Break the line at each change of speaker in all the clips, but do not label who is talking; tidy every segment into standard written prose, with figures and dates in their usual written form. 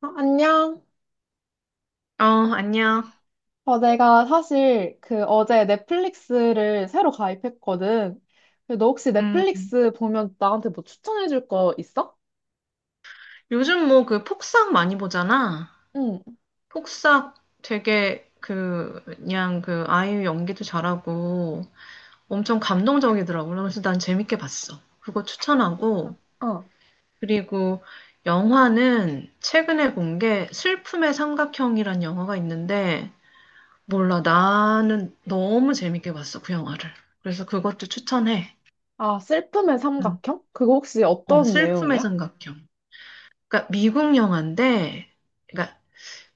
어, 안녕.
어, 안녕.
어, 내가 사실 그 어제 넷플릭스를 새로 가입했거든. 근데 너 혹시
음,
넷플릭스 보면 나한테 뭐 추천해줄 거 있어?
요즘 뭐 그 폭싹 많이 보잖아.
응.
폭싹 되게 그냥 그 아이유 연기도 잘하고 엄청 감동적이더라고. 그래서 난 재밌게 봤어. 그거 추천하고.
어.
그리고 영화는 최근에 본 게 슬픔의 삼각형이란 영화가 있는데 몰라. 나는 너무 재밌게 봤어, 그 영화를. 그래서 그것도 추천해.
아, 슬픔의
음.
삼각형? 그거 혹시 어떤
슬픔의
내용이야?
삼각형. 그러니까 미국 영화인데 그러니까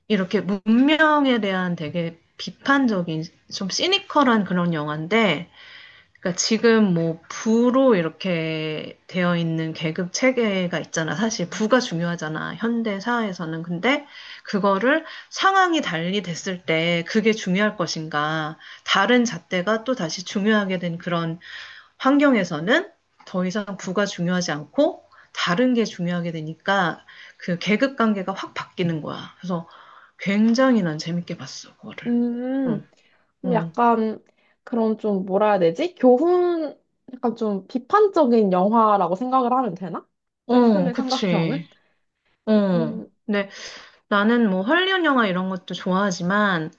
이렇게 문명에 대한 되게 비판적인, 좀 시니컬한 그런 영화인데, 그러니까 지금 뭐 부로 이렇게 되어 있는 계급 체계가 있잖아. 사실 부가 중요하잖아, 현대 사회에서는. 근데 그거를 상황이 달리 됐을 때 그게 중요할 것인가, 다른 잣대가 또 다시 중요하게 된 그런 환경에서는 더 이상 부가 중요하지 않고 다른 게 중요하게 되니까 그 계급 관계가 확 바뀌는 거야. 그래서 굉장히 난 재밌게 봤어, 그거를. 응,
음, 좀
응.
약간 그런 좀 뭐라 해야 되지? 교훈, 약간 좀 비판적인 영화라고 생각을 하면 되나?
어,
슬픔의 삼각형은?
그치. 어.
음,
근데 나는 뭐 헐리우드 영화 이런 것도 좋아하지만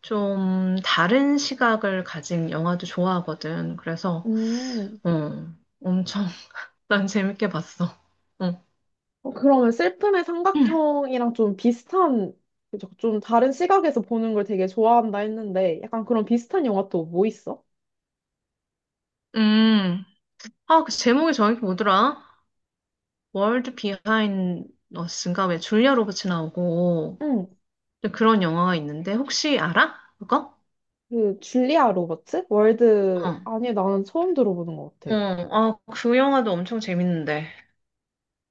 좀 다른 시각을 가진 영화도 좋아하거든. 그래서,
음.
어, 엄청 난 재밌게 봤어. 어.
어, 그러면 슬픔의 삼각형이랑 좀 비슷한, 그죠? 좀 다른 시각에서 보는 걸 되게 좋아한다 했는데, 약간 그런 비슷한 영화 또 뭐 있어?
음. 아, 그 제목이 정확히 뭐더라? 월드 비하인드 어스인가 왜 줄리아 로버츠 나오고
응,
그런 영화가 있는데 혹시 알아, 그거?
그, 줄리아 로버츠? 월드,
어.
아니, 나는 처음 들어보는 것
어,
같아.
아, 그 영화도 엄청 재밌는데.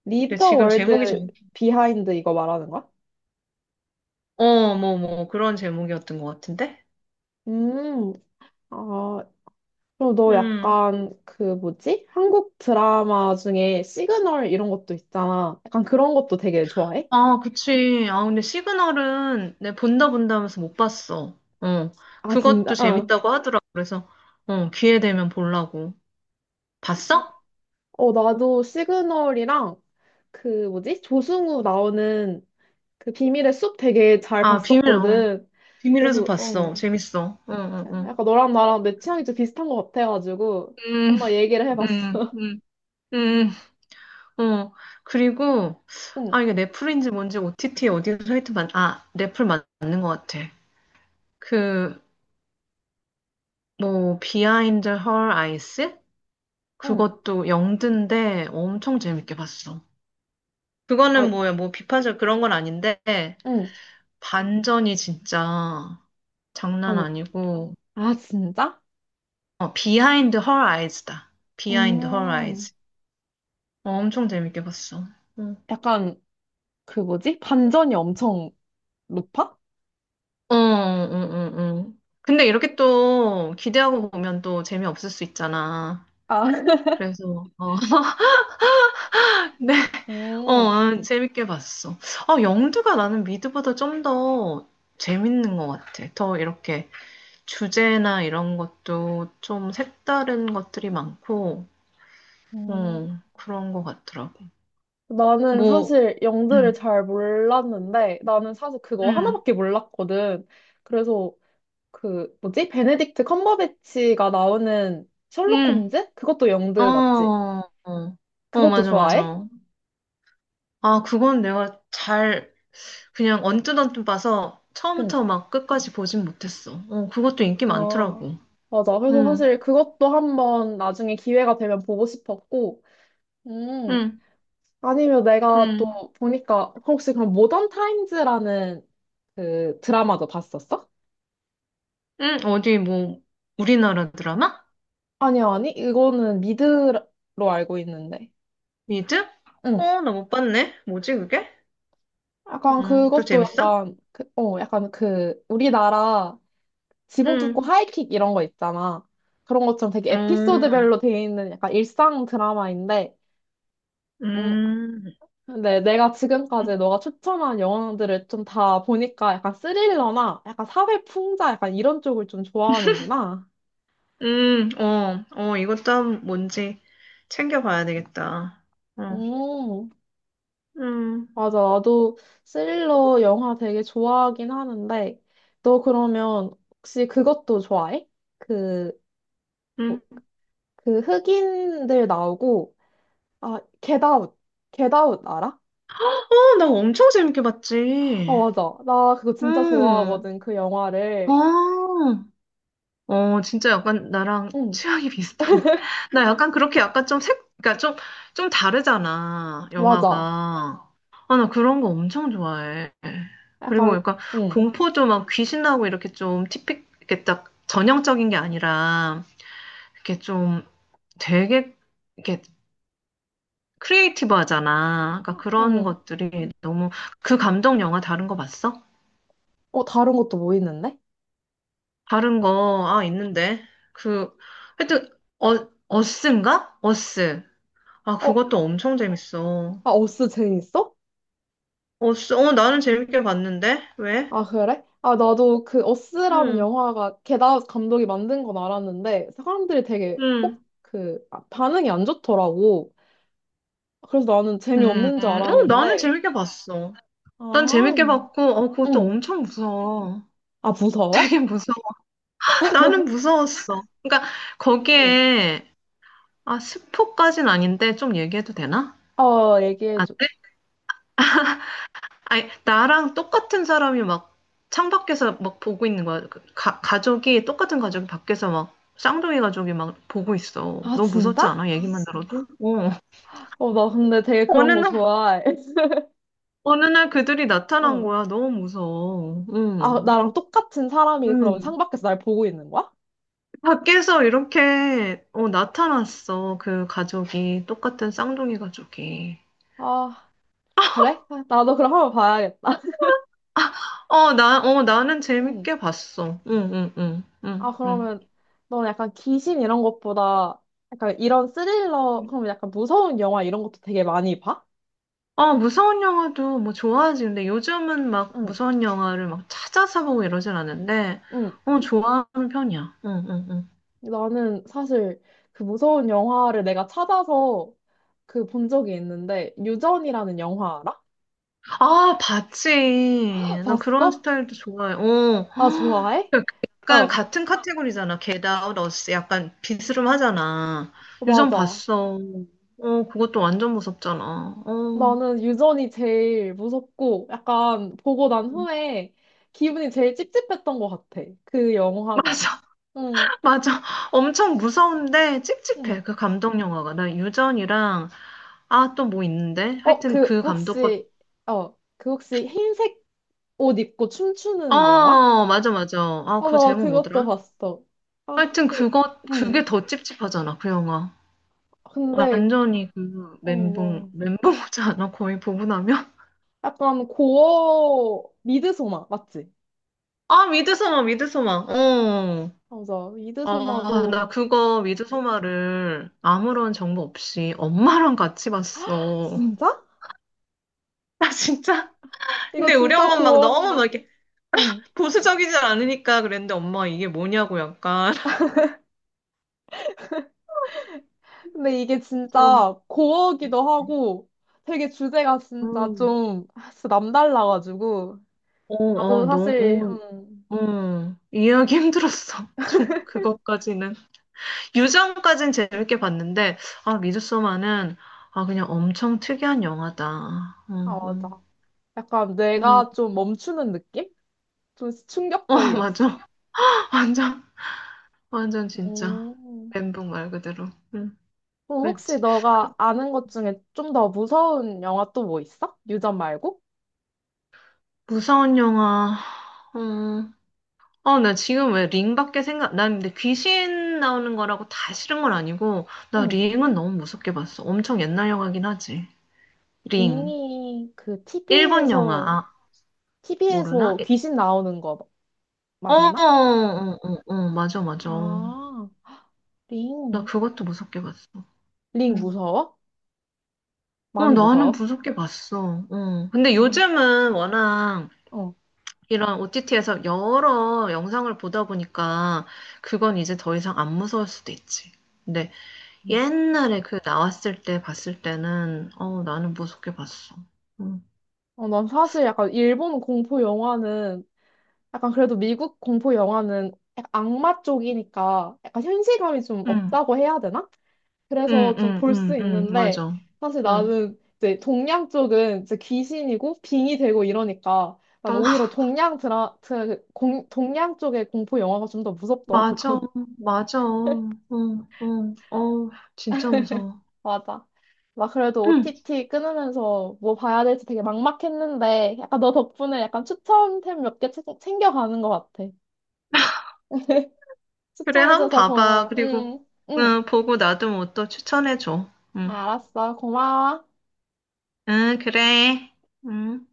Leave
근데
the
지금
World
제목이.
Behind 이거 말하는 거야?
뭐, 그런 제목이었던 것 같은데?
음, 아, 그럼 너
음.
약간 그 뭐지? 한국 드라마 중에 시그널 이런 것도 있잖아. 약간 그런 것도 되게 좋아해?
아, 그치. 아, 근데 시그널은 내 본다 본다 하면서 못 봤어. 어.
아, 진짜?
그것도
어.
재밌다고 하더라고. 그래서, 기회 되면 보려고. 봤어?
어, 나도 시그널이랑 그 뭐지? 조승우 나오는 그 비밀의 숲 되게 잘
아, 비밀, 어.
봤었거든.
비밀에서
그래서 응.
봤어. 재밌어. 응, 응, 응.
약간 너랑 나랑 내 취향이 좀 비슷한 것 같아가지고
음,
한번 얘기를
음,
해봤어.
음. 음, 어. 그리고,
응,
아, 이게 넷플인지 뭔지 OTT 어디서 하여튼, 아, 넷플 맞는 것 같아. 그, 뭐, 비하인드 헐 아이스?
응,
그것도 영드인데 엄청 재밌게 봤어.
아,
그거는 뭐야, 뭐 비판적 그런 건 아닌데,
응,
반전이 진짜 장난
반,
아니고,
아 진짜?
비하인드 헐 아이즈다. 비하인드 헐
음,
아이즈. 엄청 재밌게 봤어. 응.
약간 그 뭐지? 반전이 엄청 높아?
어, 응, 응, 응. 근데 이렇게 또 기대하고 보면 또 재미없을 수 있잖아.
아,
그래서, 네,
음,
재밌게 봤어. 아, 영드가 나는 미드보다 좀 더 재밌는 것 같아. 더 이렇게 주제나 이런 것도 좀 색다른 것들이 많고,
음.
그런 것 같더라고.
나는
뭐,
사실 영드를
응,
잘 몰랐는데 나는 사실 그거
응,
하나밖에 몰랐거든. 그래서 그 뭐지? 베네딕트 컴버배치가 나오는 셜록
응,
홈즈? 그것도 영드
어,
맞지?
어, 어,
그것도
맞아,
좋아해?
맞아. 아, 그건 내가 잘, 그냥 언뜻언뜻 봐서
응.
처음부터 막 끝까지 보진 못했어. 어, 그것도 인기
아,
많더라고.
맞아. 그래서
응,
사실 그것도 한번 나중에 기회가 되면 보고 싶었고, 음,
응,
아니면 내가 또
응,
보니까 혹시 그럼 모던 타임즈라는 그 드라마도 봤었어?
응, 어디 뭐, 우리나라 드라마?
아니, 아니. 이거는 미드로 알고 있는데.
미드?
응.
어, 나 못 봤네. 뭐지, 그게?
약간
또
그것도
재밌어?
약간, 그, 어, 약간 그 우리나라 지붕
응,
뚫고 하이킥 이런 거 있잖아. 그런 것처럼 되게
어,
에피소드별로 돼 있는 약간 일상 드라마인데, 음,
음,
근데 내가 지금까지 너가 추천한 영화들을 좀 다 보니까 약간 스릴러나 약간 사회 풍자 약간 이런 쪽을 좀 좋아하는구나.
어, 어, 이것도 뭔지 챙겨봐야 되겠다. 어,
음,
음,
맞아. 나도 스릴러 영화 되게 좋아하긴 하는데, 너 그러면 혹시 그것도 좋아해? 그, 뭐,
음.
그 흑인들 나오고, 아, 겟아웃. 겟아웃 알아?
어, 나 엄청 재밌게
아,
봤지.
맞아. 나 그거 진짜
응,
좋아하거든, 그
아.
영화를.
어, 진짜 약간 나랑
응,
취향이 비슷하네. 나 약간 그렇게 약간 좀 색, 그러니까 좀, 좀 다르잖아, 영화가.
맞아.
아, 나 그런 거 엄청 좋아해. 그리고
약간,
약간
응,
공포도 막 귀신 나오고 이렇게 좀 티픽, 이렇게 딱 전형적인 게 아니라, 이렇게 좀 되게, 이렇게 크리에이티브 하잖아. 그러니까 그런
응.
것들이 너무, 그 감독 영화 다른 거 봤어?
어, 다른 것도 뭐 있는데?
다른 거, 아, 있는데. 그, 하여튼, 어, 어스인가? 어스. 아,
어,
그것도 엄청 재밌어.
아, 어스 재밌어?
어, 어, 나는 재밌게 봤는데? 왜?
아, 그래? 아, 나도 그 어스라는
응,
영화가 게다 감독이 만든 건 알았는데, 사람들이 되게
응,
꼭 그, 아, 반응이 안 좋더라고. 그래서 나는
음,
재미없는 줄
어, 나는
알았는데,
재밌게 봤어. 난 재밌게
아,
봤고, 그것도
응.
엄청 무서워.
아, 무서워?
되게 무서워. 나는 무서웠어. 그러니까,
응.
거기에, 아, 스포까진 아닌데, 좀 얘기해도 되나?
어,
안
얘기해줘.
돼? 아니, 나랑 똑같은 사람이 막, 창밖에서 막 보고 있는 거야. 그 가족이, 똑같은 가족이 밖에서 막, 쌍둥이 가족이 막 보고 있어.
아,
너무
진짜?
무섭지 않아? 얘기만 들어도? 어.
어, 나 근데 되게
어느
그런 거
날,
좋아해.
어느 날 그들이 나타난
어.
거야. 너무 무서워.
아,
응.
나랑 똑같은 사람이 그럼
응.
창밖에서 날 보고 있는 거야?
밖에서 이렇게 나타났어. 그 가족이. 똑같은 쌍둥이 가족이.
아, 그래? 아, 나도 그럼 한번 봐야겠다.
나는
응.
재밌게 봤어. 응, 응, 응,
아,
응, 응.
그러면 너는 약간 귀신 이런 것보다 약간 이런 스릴러,
응.
그러면 약간 무서운 영화 이런 것도 되게 많이 봐?
어, 무서운 영화도 뭐 좋아하지. 근데 요즘은 막
응,
무서운 영화를 막 찾아서 보고 이러진 않는데,
응.
어, 좋아하는 편이야. 응, 응, 응.
나는 사실 그 무서운 영화를 내가 찾아서 그 본 적이 있는데, 유전이라는 영화 알아?
아, 봤지. 난 그런
봤어?
스타일도 좋아해. 어.
아, 좋아해? 어,
약간
어,
같은 카테고리잖아. Get Out, Us. 약간 비스름 하잖아. 유전
맞아.
봤어. 어, 그것도 완전 무섭잖아. 어.
나는 유전이 제일 무섭고 약간 보고 난 후에 기분이 제일 찝찝했던 것 같아. 그 영화가.
맞아,
응,
맞아. 엄청 무서운데
응.
찝찝해. 그 감독 영화가. 나 유전이랑, 아, 또 뭐 있는데?
어,
하여튼
그
그 감독 것,
혹시 어, 그 혹시 흰색 옷 입고 춤추는 영화?
어, 맞아, 맞아. 아,
어,
그
나
제목
그것도
뭐더라?
봤어. 아,
하여튼
그,
그거, 그게
응.
더 찝찝하잖아. 그 영화.
근데
완전히 그
어,
멘붕
와.
멘붕 오지 않아? 거의 보분 나면?
약간 고어 미드소마 맞지?
아 미드소마 미드소마 어.
맞아.
아,
미드소마도
나 그거 미드소마를 아무런 정보 없이 엄마랑 같이 봤어.
진짜?
나 진짜.
이거
근데 우리
진짜
엄마 막 너무 막
고어인데.
이렇게
응.
보수적이지 않으니까 그랬는데 엄마 이게 뭐냐고 약간
근데 이게
좀.
진짜 고어기도 하고 되게 주제가 진짜
음.
좀 아, 진짜 남달라가지고
어,
나도 사실
너무, 어, 어. 이해하기 힘들었어. 좀 그것까지는. 유정까진 재밌게 봤는데, 아, 미드소마는, 아, 그냥 엄청 특이한 영화다.
아
어, 어,
맞아 약간
음,
뇌가 좀 멈추는 느낌? 좀
어, 어,
충격적이었어.
맞아. 완전, 완전 진짜.
음.
멘붕 말 그대로. 응,
그럼 혹시
그랬지.
너가 아는 것 중에 좀 더 무서운 영화 또 뭐 있어? 유전 말고?
무서운 영화. 어, 어, 나 지금 왜 링밖에 생각, 난 근데 귀신 나오는 거라고 다 싫은 건 아니고, 나
응.
링은 너무 무섭게 봤어. 엄청 옛날 영화긴 하지. 링.
링이 그
일본 영화,
TV에서
아, 모르나?
귀신 나오는 거
어, 어,
맞나?
어, 어, 어, 맞아, 맞아.
아,
나
링.
그것도 무섭게 봤어.
링
응.
무서워?
어,
많이
나는
무서워?
무섭게 봤어. 어. 근데
어,
요즘은 워낙
어.
이런 OTT에서 여러 영상을 보다 보니까 그건 이제 더 이상 안 무서울 수도 있지. 근데
음.
옛날에 그 나왔을 때 봤을 때는 나는 무섭게 봤어. 응,
어, 난 사실 약간 일본 공포 영화는 약간 그래도 미국 공포 영화는 약간 악마 쪽이니까 약간 현실감이 좀
응,
없다고 해야 되나?
응,
그래서 좀
응,
볼
응,
수
응,
있는데
맞아.
사실
응.
나는 이제 동양 쪽은 이제 귀신이고 빙이 되고 이러니까 난
어,
오히려 동양 드라, 드, 공, 동양 쪽의 공포 영화가 좀 더
맞아,
무섭더라고.
맞아. 응, 응, 어, 진짜 무서워.
맞아. 막 그래도
응.
OTT 끊으면서 뭐 봐야 될지 되게 막막했는데 약간 너 덕분에 약간 추천템 몇 개 챙겨가는 것 같아.
그래, 한번
추천해줘서
봐봐.
고마워.
그리고,
응, 응.
응, 보고 나도 뭐 또 추천해줘. 응,
알았어. 고마워.
응, 그래. 응.